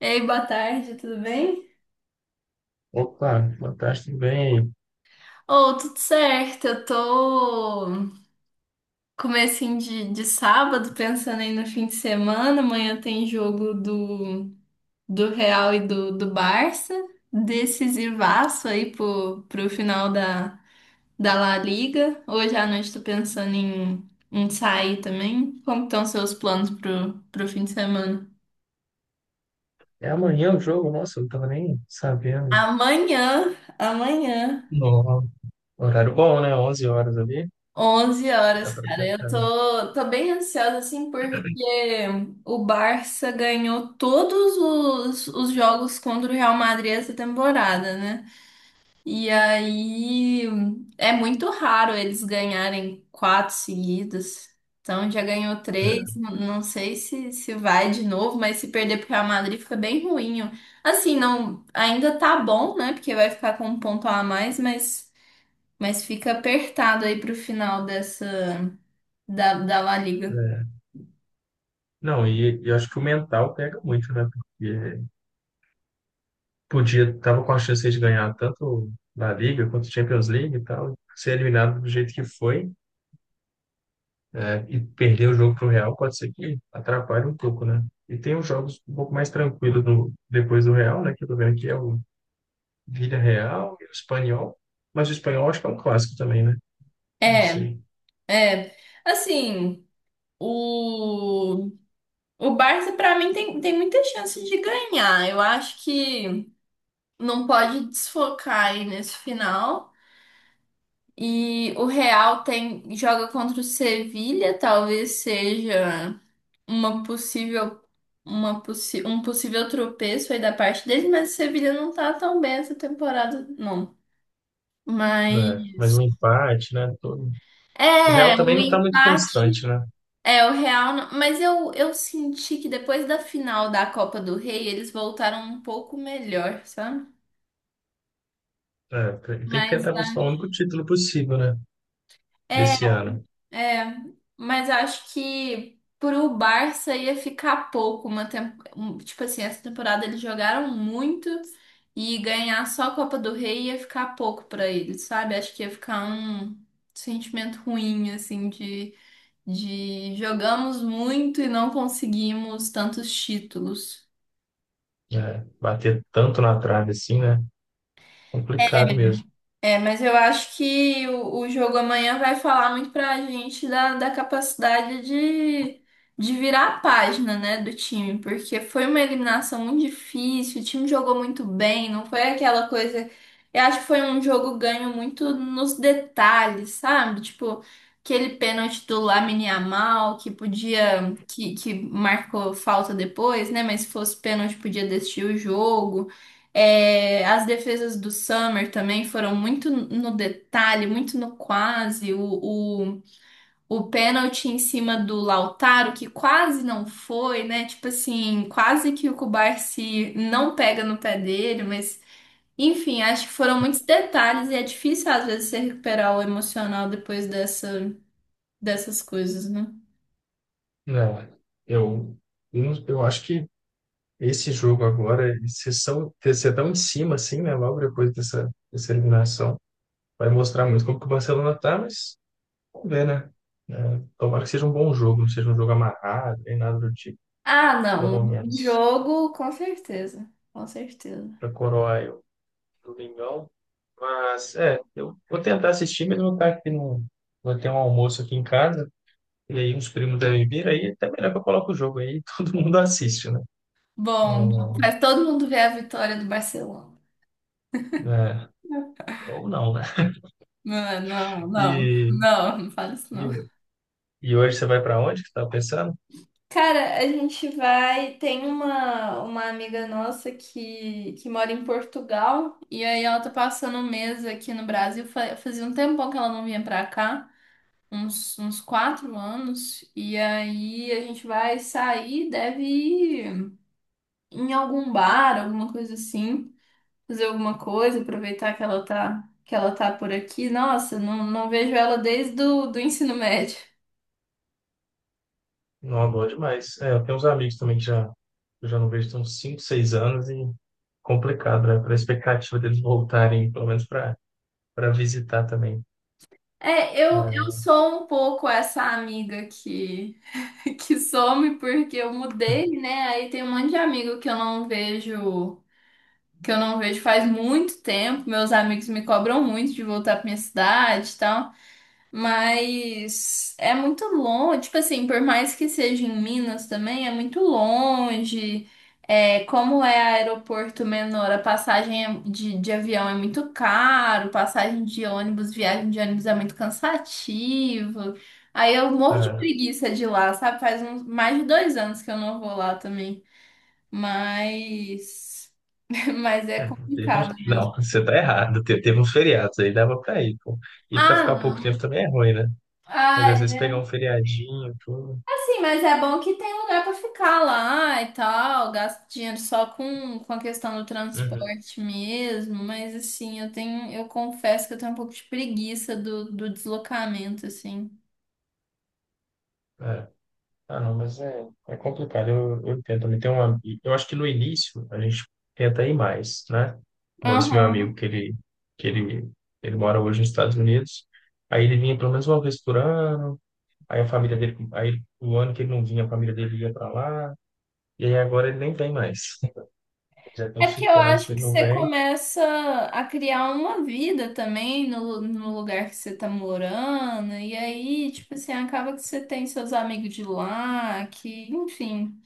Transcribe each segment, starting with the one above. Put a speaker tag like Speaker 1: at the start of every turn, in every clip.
Speaker 1: Ei, boa tarde, tudo bem?
Speaker 2: Opa, fantástico, bem.
Speaker 1: Oh, tudo certo, eu tô comecinho de sábado, pensando aí no fim de semana, amanhã tem jogo do Real e do Barça, decisivaço aí pro final da La Liga. Hoje à noite tô pensando em sair também. Como estão seus planos pro fim de semana?
Speaker 2: É amanhã o jogo, nossa, eu não tava nem sabendo.
Speaker 1: Amanhã, amanhã.
Speaker 2: Não. Horário bom, né? Onze horas ali,
Speaker 1: 11
Speaker 2: dá
Speaker 1: horas,
Speaker 2: pra
Speaker 1: cara.
Speaker 2: ter
Speaker 1: Eu
Speaker 2: cara.
Speaker 1: tô bem ansiosa, assim, porque o Barça ganhou todos os jogos contra o Real Madrid essa temporada, né? E aí é muito raro eles ganharem quatro seguidas. Então já ganhou
Speaker 2: É.
Speaker 1: três. Não sei se, se vai de novo, mas se perder pro Real Madrid fica bem ruim. Assim, não, ainda tá bom, né? Porque vai ficar com um ponto a mais, mas fica apertado aí pro final dessa. Da La Liga.
Speaker 2: É. Não, e eu acho que o mental pega muito, né? Porque podia, tava com a chance de ganhar tanto na Liga quanto Champions League e tal, ser eliminado do jeito que foi, é, e perder o jogo pro Real, pode ser que atrapalhe um pouco, né? E tem os jogos um pouco mais tranquilos no, depois do Real, né? Que eu tô vendo aqui é o Vila Real e o Espanhol. Mas o Espanhol acho que é um clássico também, né? Não
Speaker 1: É,
Speaker 2: sei.
Speaker 1: é. Assim, o, o Barça, pra mim, tem muita chance de ganhar. Eu acho que não pode desfocar aí nesse final. E o Real tem, joga contra o Sevilha, talvez seja uma possível, uma possi um possível tropeço aí da parte deles, mas o Sevilha não tá tão bem essa temporada, não.
Speaker 2: Né? Mas um
Speaker 1: Mas.
Speaker 2: empate, né? Todo... O Real
Speaker 1: É,
Speaker 2: também
Speaker 1: um
Speaker 2: não está muito
Speaker 1: empate.
Speaker 2: constante, né?
Speaker 1: É, o Real, mas eu senti que depois da final da Copa do Rei, eles voltaram um pouco melhor, sabe?
Speaker 2: É, tem que
Speaker 1: Mas
Speaker 2: tentar
Speaker 1: ah,
Speaker 2: buscar o único título possível, né?
Speaker 1: é,
Speaker 2: Desse ano.
Speaker 1: é, mas acho que pro Barça ia ficar pouco tipo assim, essa temporada eles jogaram muito e ganhar só a Copa do Rei ia ficar pouco pra eles, sabe? Acho que ia ficar um sentimento ruim assim de jogamos muito e não conseguimos tantos títulos.
Speaker 2: É, bater tanto na trave assim, né? Complicado mesmo.
Speaker 1: É, mas eu acho que o jogo amanhã vai falar muito pra gente da capacidade de virar a página, né, do time, porque foi uma eliminação muito difícil, o time jogou muito bem, não foi aquela coisa. Eu acho que foi um jogo ganho muito nos detalhes, sabe? Tipo, aquele pênalti do Lamine Yamal que podia, que marcou falta depois, né? Mas se fosse pênalti, podia decidir o jogo. É, as defesas do Summer também foram muito no detalhe, muito no quase. O pênalti em cima do Lautaro, que quase não foi, né? Tipo assim, quase que o Kubarsi não pega no pé dele, mas enfim, acho que foram muitos detalhes e é difícil às vezes você recuperar o emocional depois dessas coisas, né?
Speaker 2: Né? Eu, eu, não- eu acho que esse jogo agora, vocês estão em cima, assim, né? Logo depois dessa, dessa eliminação, vai mostrar muito como que o Barcelona tá, mas vamos ver, né? É, tomara que seja um bom jogo, não seja um jogo amarrado, nem nada do tipo,
Speaker 1: Ah, não,
Speaker 2: pelo
Speaker 1: um
Speaker 2: menos,
Speaker 1: jogo, com certeza, com certeza.
Speaker 2: para coroar eu, Domingão. Mas, é, eu vou tentar assistir, mas vou estar aqui no. Vou ter um almoço aqui em casa, e aí uns primos devem vir, aí é até melhor que eu coloque o jogo aí, todo mundo assiste, né?
Speaker 1: Bom,
Speaker 2: Hum,
Speaker 1: faz todo mundo ver a vitória do Barcelona.
Speaker 2: É, ou não, né?
Speaker 1: Não, não, não,
Speaker 2: E,
Speaker 1: não, não fala isso
Speaker 2: e,
Speaker 1: não.
Speaker 2: e hoje você vai para onde que você tá pensando?
Speaker 1: Cara, a gente vai. Tem uma amiga nossa que mora em Portugal, e aí ela tá passando um mês aqui no Brasil. Fazia um tempão que ela não vinha pra cá, uns 4 anos, e aí a gente vai sair, deve ir em algum bar, alguma coisa assim, fazer alguma coisa, aproveitar que ela tá por aqui. Nossa, não, não vejo ela desde o do ensino médio.
Speaker 2: Não, bom demais. É, eu tenho uns amigos também que já, eu já não vejo tem uns 5, 6 anos e complicado, né? Para a expectativa deles voltarem, pelo menos para visitar também.
Speaker 1: É, eu
Speaker 2: É,
Speaker 1: sou um pouco essa amiga que, que some porque eu mudei, né? Aí tem um monte de amigo que eu não vejo, que eu não vejo faz muito tempo. Meus amigos me cobram muito de voltar pra minha cidade, e mas é muito longe, tipo assim, por mais que seja em Minas também, é muito longe. É, como é aeroporto menor, a passagem de avião é muito caro, passagem de ônibus, viagem de ônibus é muito cansativo. Aí eu morro de
Speaker 2: é,
Speaker 1: preguiça de ir lá, sabe? Faz mais de 2 anos que eu não vou lá também. Mas, mas é
Speaker 2: é, teve
Speaker 1: complicado mesmo.
Speaker 2: não, você tá errado. Teve uns feriados aí, dava para ir, pô. E para
Speaker 1: Ah,
Speaker 2: ficar pouco
Speaker 1: não.
Speaker 2: tempo também é ruim, né? Mas
Speaker 1: Ah,
Speaker 2: às vezes pegar um feriadinho, tudo.
Speaker 1: assim, mas é bom que tem lugar pra ficar lá e tal, gasto dinheiro só com a questão do
Speaker 2: Uhum.
Speaker 1: transporte mesmo, mas assim, eu confesso que eu tenho um pouco de preguiça do deslocamento, assim.
Speaker 2: Ah, não, mas é, é complicado. Eu entendo também. Tem uma, eu acho que no início a gente tenta ir mais, né? Igual esse meu amigo
Speaker 1: Aham.
Speaker 2: que ele mora hoje nos Estados Unidos. Aí ele vinha pelo menos uma vez por ano. Aí a família dele, aí o ano que ele não vinha, a família dele ia para lá. E aí agora ele nem vem mais. Já tem
Speaker 1: É
Speaker 2: uns
Speaker 1: porque eu
Speaker 2: 5 anos que
Speaker 1: acho
Speaker 2: ele
Speaker 1: que
Speaker 2: não
Speaker 1: você
Speaker 2: vem.
Speaker 1: começa a criar uma vida também no lugar que você tá morando, e aí, tipo assim, acaba que você tem seus amigos de lá, que, enfim.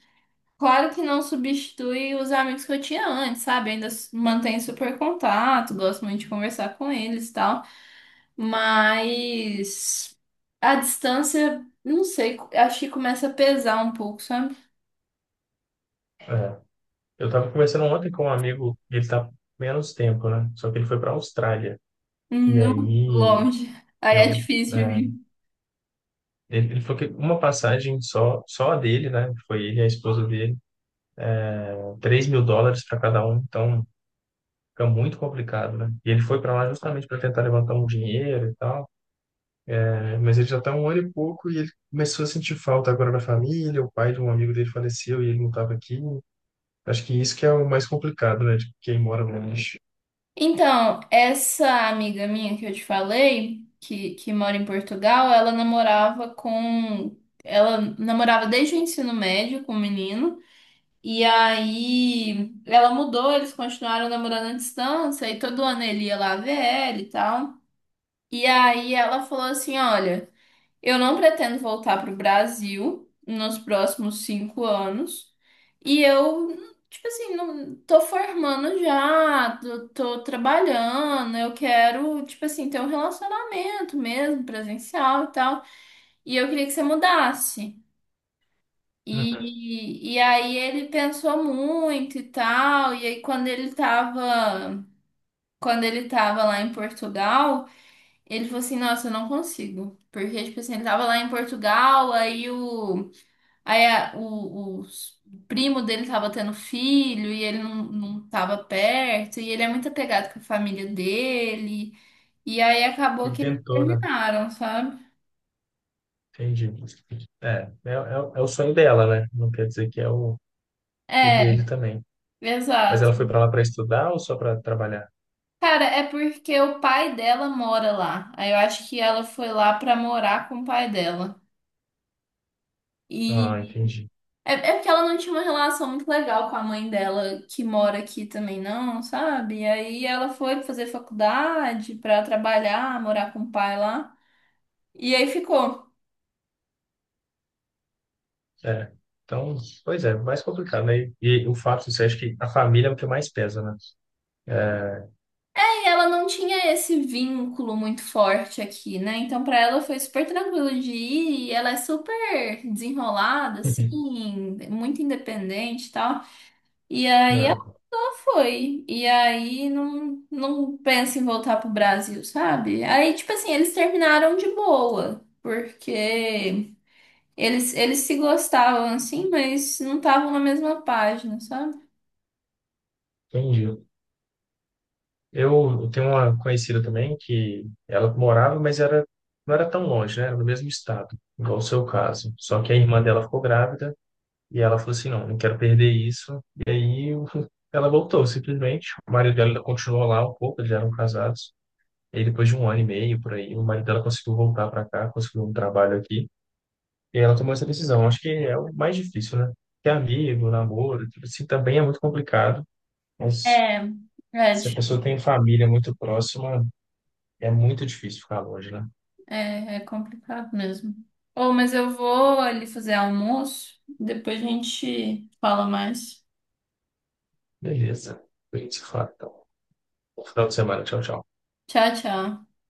Speaker 1: Claro que não substitui os amigos que eu tinha antes, sabe? Ainda mantenho super contato, gosto muito de conversar com eles e tal. Mas a distância, não sei, acho que começa a pesar um pouco, sabe?
Speaker 2: É. Eu tava conversando ontem com um amigo, e ele tá menos tempo, né? Só que ele foi para Austrália. E
Speaker 1: No
Speaker 2: aí
Speaker 1: longe. Aí é
Speaker 2: eu
Speaker 1: difícil de
Speaker 2: é,
Speaker 1: vir.
Speaker 2: ele falou que uma passagem só, só a dele, né? Foi ele e a esposa dele, US$ 3.000 para cada um, então fica muito complicado, né? E ele foi para lá justamente para tentar levantar um dinheiro e tal, né? Mas ele já tá um ano e pouco e ele começou a sentir falta agora da família, o pai de um amigo dele faleceu e ele não estava aqui. Acho que isso que é o mais complicado, né? De quem mora longe.
Speaker 1: Então, essa amiga minha que eu te falei, que mora em Portugal, ela namorava com. Ela namorava desde o ensino médio com um menino. E aí ela mudou, eles continuaram namorando à distância, e todo ano ele ia lá ver ela e tal. E aí ela falou assim: Olha, eu não pretendo voltar pro Brasil nos próximos 5 anos. E eu, tipo assim, não tô formando já, tô trabalhando, eu quero, tipo assim, ter um relacionamento mesmo, presencial e tal. E eu queria que você mudasse.
Speaker 2: Uhum.
Speaker 1: E aí ele pensou muito e tal, e aí quando ele tava lá em Portugal, ele falou assim, nossa, eu não consigo. Porque, tipo assim, ele tava lá em Portugal, aí o, aí a- o, os- o primo dele tava tendo filho, e ele não tava perto, e ele é muito apegado com a família dele, e aí acabou
Speaker 2: Ele
Speaker 1: que eles
Speaker 2: tentou, né?
Speaker 1: terminaram, sabe?
Speaker 2: Entendi. É, é, é, o é o sonho dela, né? Não quer dizer que é o dele
Speaker 1: É,
Speaker 2: também. Mas
Speaker 1: exato.
Speaker 2: ela foi para lá para estudar ou só para trabalhar?
Speaker 1: Cara, é porque o pai dela mora lá. Aí eu acho que ela foi lá pra morar com o pai dela.
Speaker 2: Ah,
Speaker 1: E
Speaker 2: entendi.
Speaker 1: é porque ela não tinha uma relação muito legal com a mãe dela, que mora aqui também, não, sabe? E aí ela foi fazer faculdade pra trabalhar, morar com o pai lá. E aí ficou.
Speaker 2: É. Então, pois é, mais complicado, né? E o fato, você acha que a família é o que mais pesa, né?
Speaker 1: Aí ela não tinha esse vínculo muito forte aqui, né? Então pra ela foi super tranquilo de ir. E ela é super desenrolada,
Speaker 2: Uhum. É,
Speaker 1: assim, muito independente e tal. E aí
Speaker 2: né?
Speaker 1: foi. E aí não pensa em voltar pro Brasil, sabe? Aí, tipo assim, eles terminaram de boa, porque eles se gostavam assim, mas não estavam na mesma página, sabe?
Speaker 2: Entendi. Eu tenho uma conhecida também que ela morava, mas era, não era tão longe, né? Era no mesmo estado, igual o seu caso. Só que a irmã dela ficou grávida e ela falou assim, não, não quero perder isso. E aí ela voltou, simplesmente. O marido dela ainda continuou lá um pouco, eles já eram casados. E aí, depois de um ano e meio, por aí, o marido dela conseguiu voltar para cá, conseguiu um trabalho aqui. E ela tomou essa decisão. Acho que é o mais difícil, né? Ter amigo, namoro, tudo assim, também é muito complicado. Mas
Speaker 1: É, é
Speaker 2: se a pessoa
Speaker 1: difícil.
Speaker 2: tem família muito próxima, é muito difícil ficar longe, né?
Speaker 1: É, é complicado mesmo. Ô, mas eu vou ali fazer almoço, depois a gente fala mais.
Speaker 2: Beleza. A gente se fala, então. Bom final de semana. Tchau, tchau.
Speaker 1: Tchau, tchau.